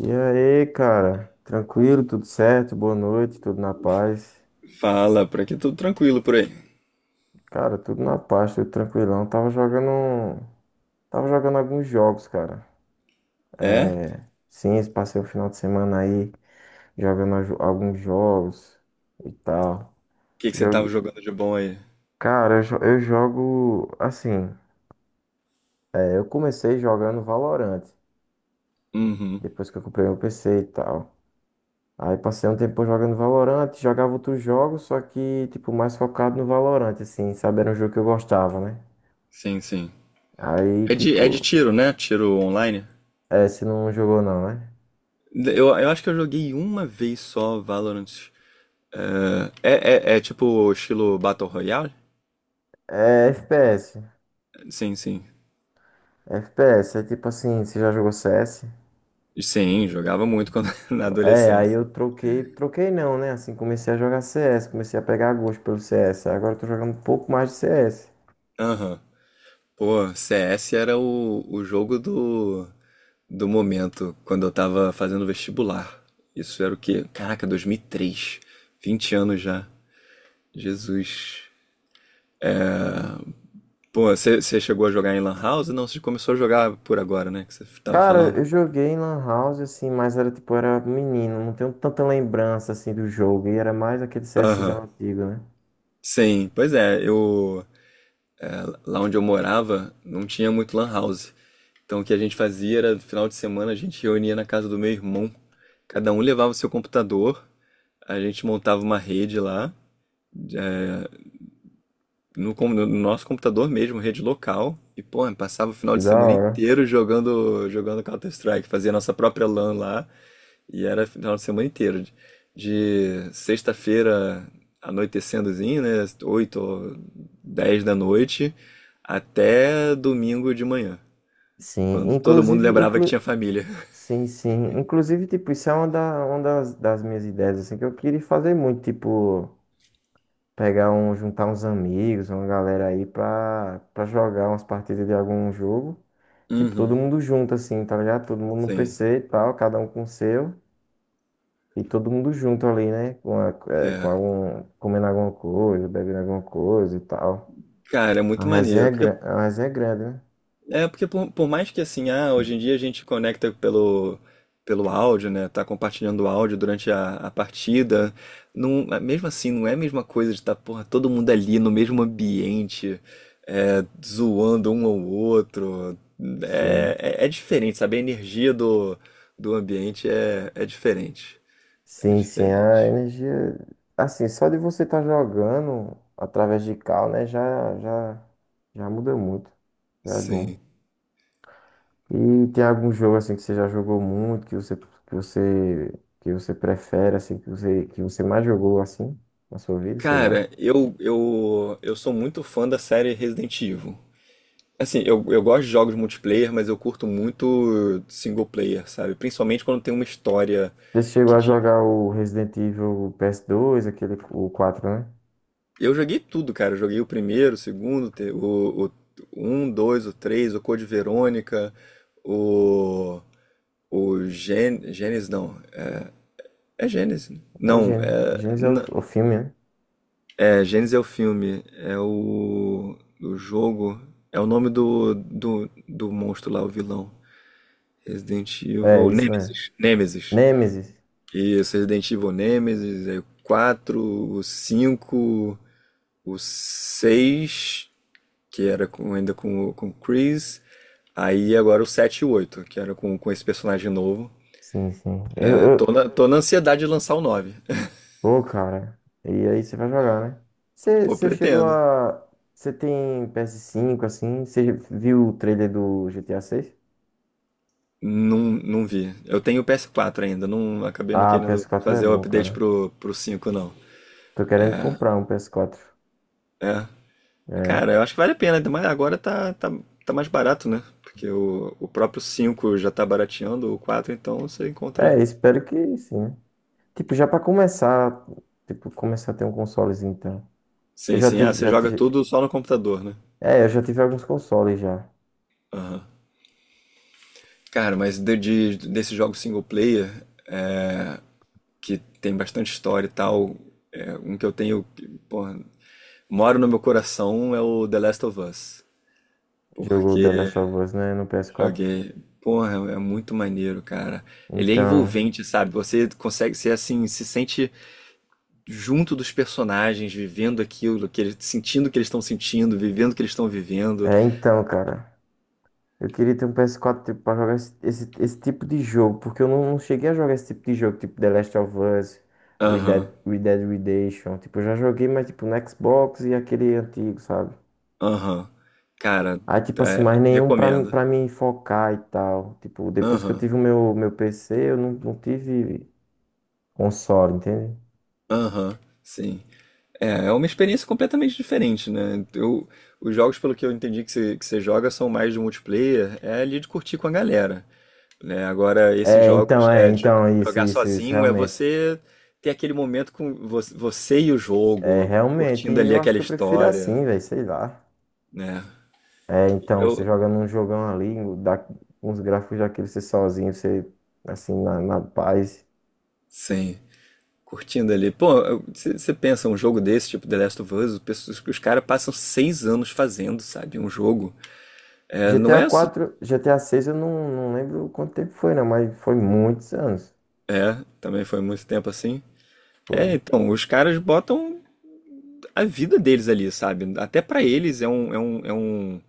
E aí, cara? Tranquilo, tudo certo? Boa noite, tudo na paz. Fala, por aqui tudo tranquilo por aí. Cara, tudo na paz, tudo tranquilão. Tava jogando alguns jogos, cara. É? O É, sim, passei o final de semana aí jogando alguns jogos e tal. que que você tava Jogue... jogando de bom aí? Cara, eu jogo assim. É, eu comecei jogando Valorant, Uhum. depois que eu comprei meu PC e tal. Aí passei um tempo jogando Valorant, jogava outros jogos, só que, tipo, mais focado no Valorant, assim, sabe? Era um jogo que eu gostava, né? Sim. Aí, É de tipo, tiro, né? Tiro online. Você não jogou não, né? Eu acho que eu joguei uma vez só Valorant. É tipo estilo Battle Royale? É FPS. Sim. FPS, é tipo assim, você já jogou CS? Sim, jogava muito quando, na É, aí adolescência. eu troquei, troquei não, né? Assim, comecei a jogar CS, comecei a pegar gosto pelo CS. Agora eu tô jogando um pouco mais de CS. Aham. Pô, CS era o jogo do momento, quando eu tava fazendo vestibular. Isso era o quê? Caraca, 2003. 20 anos já. Jesus. Pô, você chegou a jogar em Lan House? Não, você começou a jogar por agora, né? Que você tava Cara, falando. eu joguei em Lan House, assim, mas era tipo, era menino, não tenho tanta lembrança, assim, do jogo. E era mais aquele Aham. CSzão antigo, né? Sim, pois é, eu. Lá onde eu morava, não tinha muito Lan House. Então o que a gente fazia era, no final de semana, a gente reunia na casa do meu irmão. Cada um levava o seu computador, a gente montava uma rede lá, já- no nosso computador mesmo, rede local. E, pô, passava o final Que de da semana hora. inteiro jogando, jogando Counter-Strike. Fazia nossa própria LAN lá. E era final de semana inteiro, de sexta-feira anoitecendozinho, né, 8 ou 10 da noite, até domingo de manhã, Sim, quando todo mundo inclusive, lembrava que inclu... tinha família. sim, sim. Inclusive, tipo, isso é uma das minhas ideias, assim, que eu queria fazer muito, tipo, pegar um, juntar uns amigos, uma galera aí pra jogar umas partidas de algum jogo. Tipo, todo Uhum, mundo junto, assim, tá ligado? Todo mundo no sim. PC e tal, cada um com o seu. E todo mundo junto ali, né? Com É. algum, comendo alguma coisa, bebendo alguma coisa e tal. Cara, é A muito resenha maneiro. é, Porque gran... a resenha é grande, né? é, porque por mais que assim, ah, hoje em dia a gente conecta pelo, pelo áudio, né? Tá compartilhando o áudio durante a partida. Não, é, mesmo assim, não é a mesma coisa de estar, porra, todo mundo ali no mesmo ambiente, é, zoando um ao outro. Sim. É diferente, sabe? A energia do, do ambiente é diferente. É Sim, sim, a diferente. energia. Assim, só de você estar jogando através de cal, né? Já muda muito. Já é bom. Sim. E tem algum jogo assim que você já jogou muito, que você prefere, assim, que você mais jogou assim na sua vida, sei lá. Cara, eu sou muito fã da série Resident Evil. Assim, eu gosto de jogos multiplayer, mas eu curto muito single player, sabe? Principalmente quando tem uma história Você chegou que a tinha. jogar o Resident Evil PS2 aquele, o 4, né? Eu joguei tudo, cara. Eu joguei o primeiro, o segundo, o um, dois, o três, o Code Verônica, o. O Gen... Gênesis, não. É Gênesis? É o Não, Genesis. é. Genesis é o N- filme, né? É, Gênesis é o filme. É o. O jogo. É o nome do monstro lá, o vilão. Resident É, Evil. isso mesmo. Nemesis. Nemesis. Nemesis. Isso, Resident Evil Nemesis, aí o 4, o 5, o 6, que era ainda com o Chris. Aí agora o 7 e o 8 que era com esse personagem novo. Sim, sim. É, tô na ansiedade de lançar o nove. Pô, cara. E aí você vai jogar, né? Você Pô, você chegou pretendo. a. Você tem PS5 assim? Você viu o trailer do GTA 6. Não, não vi. Eu tenho o PS4 ainda, não acabei não Ah, ps querendo quatro é fazer o bom, update cara. pro, pro 5 não. Tô querendo comprar um PS4. É. É. Cara, eu acho que vale a pena, ainda mais agora tá mais barato, né? Porque o próprio 5 já tá barateando, o 4, então você encontra. É, espero que sim, né? Tipo, já pra começar, tipo, começar a ter um consolezinho, então. Que eu Sim, sim. Ah, você joga tudo só no computador, né? Já tive alguns consoles já. Aham. Cara, mas desse jogo single player, é, que tem bastante história e tal, é, um que eu tenho, que, porra, moro no meu coração é o The Last of Us. Jogou Porque The Last of Us, né, no PS4. joguei. Porra, é muito maneiro, cara. Ele é Então, envolvente, sabe? Você consegue ser assim, se sente junto dos personagens, vivendo aquilo, que eles, sentindo o que eles estão sentindo, vivendo o que eles estão vivendo. Cara. Eu queria ter um PS4 tipo, pra jogar esse tipo de jogo, porque eu não cheguei a jogar esse tipo de jogo, tipo The Last of Us, Red Dead, Aham. Red Dead Redemption. Tipo, eu já joguei, mas tipo no Xbox e aquele antigo, sabe? Aham. Cara, Aí, tipo assim, mas é, nenhum pra, mim- recomendo. pra me focar e tal. Tipo, depois que eu Aham. tive o meu PC, eu não tive console, entende? Aham. Sim. É, é uma experiência completamente diferente, né? Eu, os jogos, pelo que eu entendi que você joga, são mais de multiplayer, é ali de curtir com a galera, né? Agora, esses É, então, jogos, é, isso, jogar isso, isso, sozinho é realmente. você ter aquele momento com você e o É, jogo, realmente, curtindo ali eu acho aquela que eu prefiro história, assim, velho, sei lá. né? É, então, você Eu, joga num jogão ali, dá uns gráficos daquele, você sozinho, você, assim, na paz. sim. Curtindo ali. Pô, você pensa, um jogo desse, tipo The Last of Us, os caras passam 6 anos fazendo, sabe? Um jogo. É, não GTA é. Isso 4, GTA 6, eu não lembro quanto tempo foi, né? Mas foi muitos anos. é, também foi muito tempo assim. Foi, É, então, os caras botam a vida deles ali, sabe? Até pra eles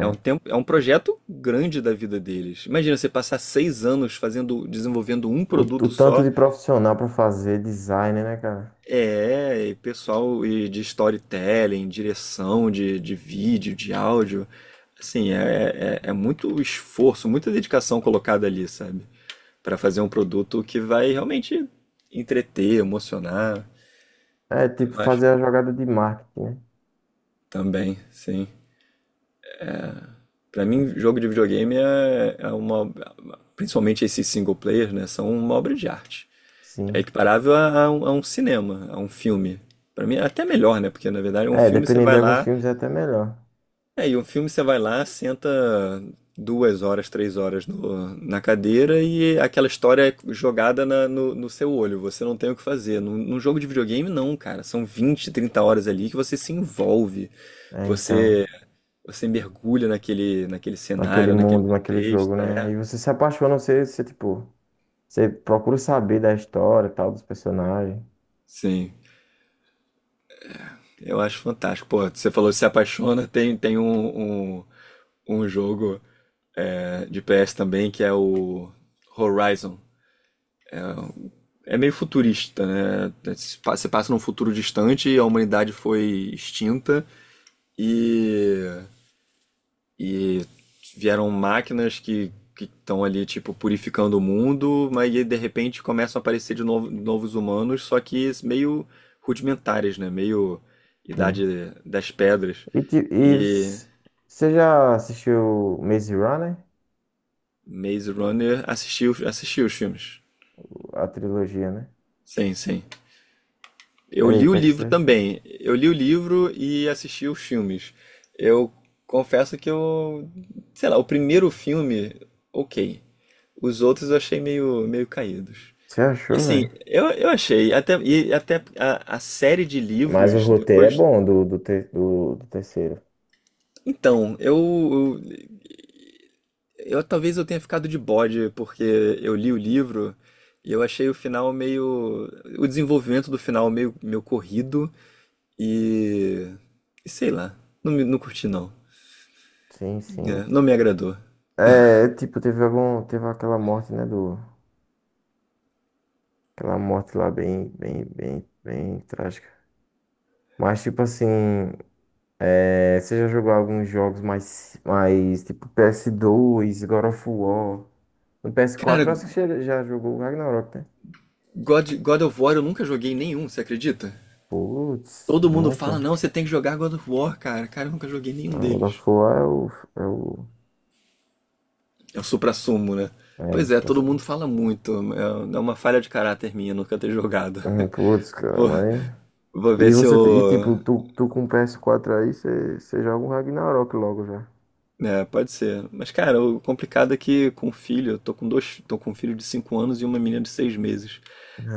é um tempo, é um projeto grande da vida deles. Imagina você passar 6 anos fazendo, desenvolvendo um O produto tanto só de profissional pra fazer design, né, cara? é, e pessoal e de storytelling, direção de vídeo, de áudio, assim, é muito esforço, muita dedicação colocada ali, sabe? Pra fazer um produto que vai realmente entreter, emocionar, É, tipo, eu acho. fazer a jogada de marketing, né? Também, sim. Pra mim, jogo de videogame é uma, principalmente esses single players, né, são uma obra de arte. É Sim. equiparável a um cinema, a um filme. Pra mim, é até melhor, né? Porque na verdade, um É, filme você dependendo de vai alguns lá filmes é até melhor. é, e um filme você vai lá, senta 2 horas, 3 horas na cadeira e aquela história é jogada no seu olho. Você não tem o que fazer. Num jogo de videogame, não, cara. São 20, 30 horas ali que você se envolve. É, então, Você, você mergulha naquele, naquele naquele cenário, naquele mundo, naquele jogo, contexto. né? É. E você se apaixona, você tipo, você procura saber da história, e tal, dos personagens. Sim, eu acho fantástico. Pô, você falou que se apaixona, tem um, um, um jogo é, de PS também que é o Horizon. É meio futurista, né? Você passa num futuro distante, a humanidade foi extinta e, e vieram máquinas que estão ali, tipo, purificando o mundo, mas aí, de repente começam a aparecer de novo, novos humanos, só que meio rudimentares, né? Meio Sim. Idade das Pedras. E, ti- e E s- Você já assistiu Maze Runner? Maze Runner assistiu, assistiu os filmes. A trilogia, né? Sim, sim. E Eu aí, o li o que é que você livro achou? também. Eu li o livro e assisti os filmes. Eu confesso que eu, sei lá, o primeiro filme, ok. Os outros eu achei meio, meio caídos. Você E achou, assim, velho? eu achei, até, e até a série de Mas o livros roteiro é depois. bom do terceiro. Então, eu eu talvez eu tenha ficado de bode porque eu li o livro e eu achei o final meio, o desenvolvimento do final meio corrido e, e sei lá, não curti não, Sim, sim. é, não me agradou. É, tipo, teve aquela morte, né, aquela morte lá bem, bem, bem, bem trágica. Mas, tipo assim, é, você já jogou alguns jogos mais, tipo, PS2, God of War. No Cara, PS4, eu acho que você já jogou o Ragnarok, né? God of War eu nunca joguei nenhum, você acredita? Putz, Todo mundo fala, nunca. não, você tem que jogar God of War, cara. Cara, eu nunca joguei nenhum Não, O da deles. Foá é o. É, o, É o suprassumo, né? é Pois se é, todo você... mundo fala muito. É uma falha de caráter minha nunca ter jogado. Putz, cara, Vou, mas. vou ver E se você, te- e eu. tipo, tu com o PS4 aí, você joga um Ragnarok logo já. É, pode ser. Mas, cara, o complicado é que com filho, eu tô com dois, tô com um filho de 5 anos e uma menina de 6 meses.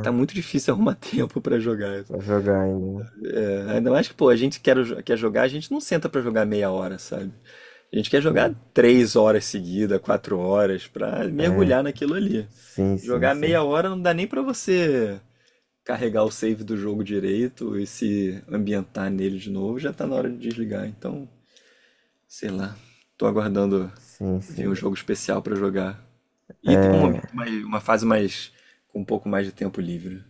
Tá muito difícil arrumar tempo pra jogar. Pra jogar ainda, né? É, ainda mais que, pô, a gente quer, quer jogar, a gente não senta pra jogar 1/2 hora, sabe? A gente quer jogar Sim. 3 horas seguidas, 4 horas, pra É. mergulhar naquilo ali. Sim, sim, Jogar meia sim. hora não dá nem pra você carregar o save do jogo direito e se ambientar nele de novo, já tá na hora de desligar. Então, sei lá. Tô aguardando Sim, vir sim. um jogo especial pra jogar. E tem um momento É. mais, uma fase mais com um pouco mais de tempo livre.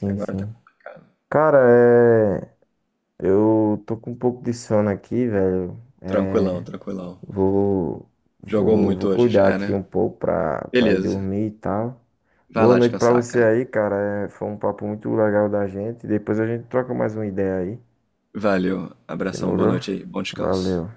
Que agora tá sim. complicado. Cara, é. Eu tô com um pouco de sono aqui, velho. Tranquilão, É. tranquilão. Vou, Jogou vou muito hoje cuidar já, aqui né? um pouco pra ir Beleza. dormir e tal. Vai Boa lá noite pra descansar, você cara. aí, cara. É, foi um papo muito legal da gente. Depois a gente troca mais uma ideia aí. Valeu. Abração, boa Demorou? noite aí. Bom descanso. Valeu.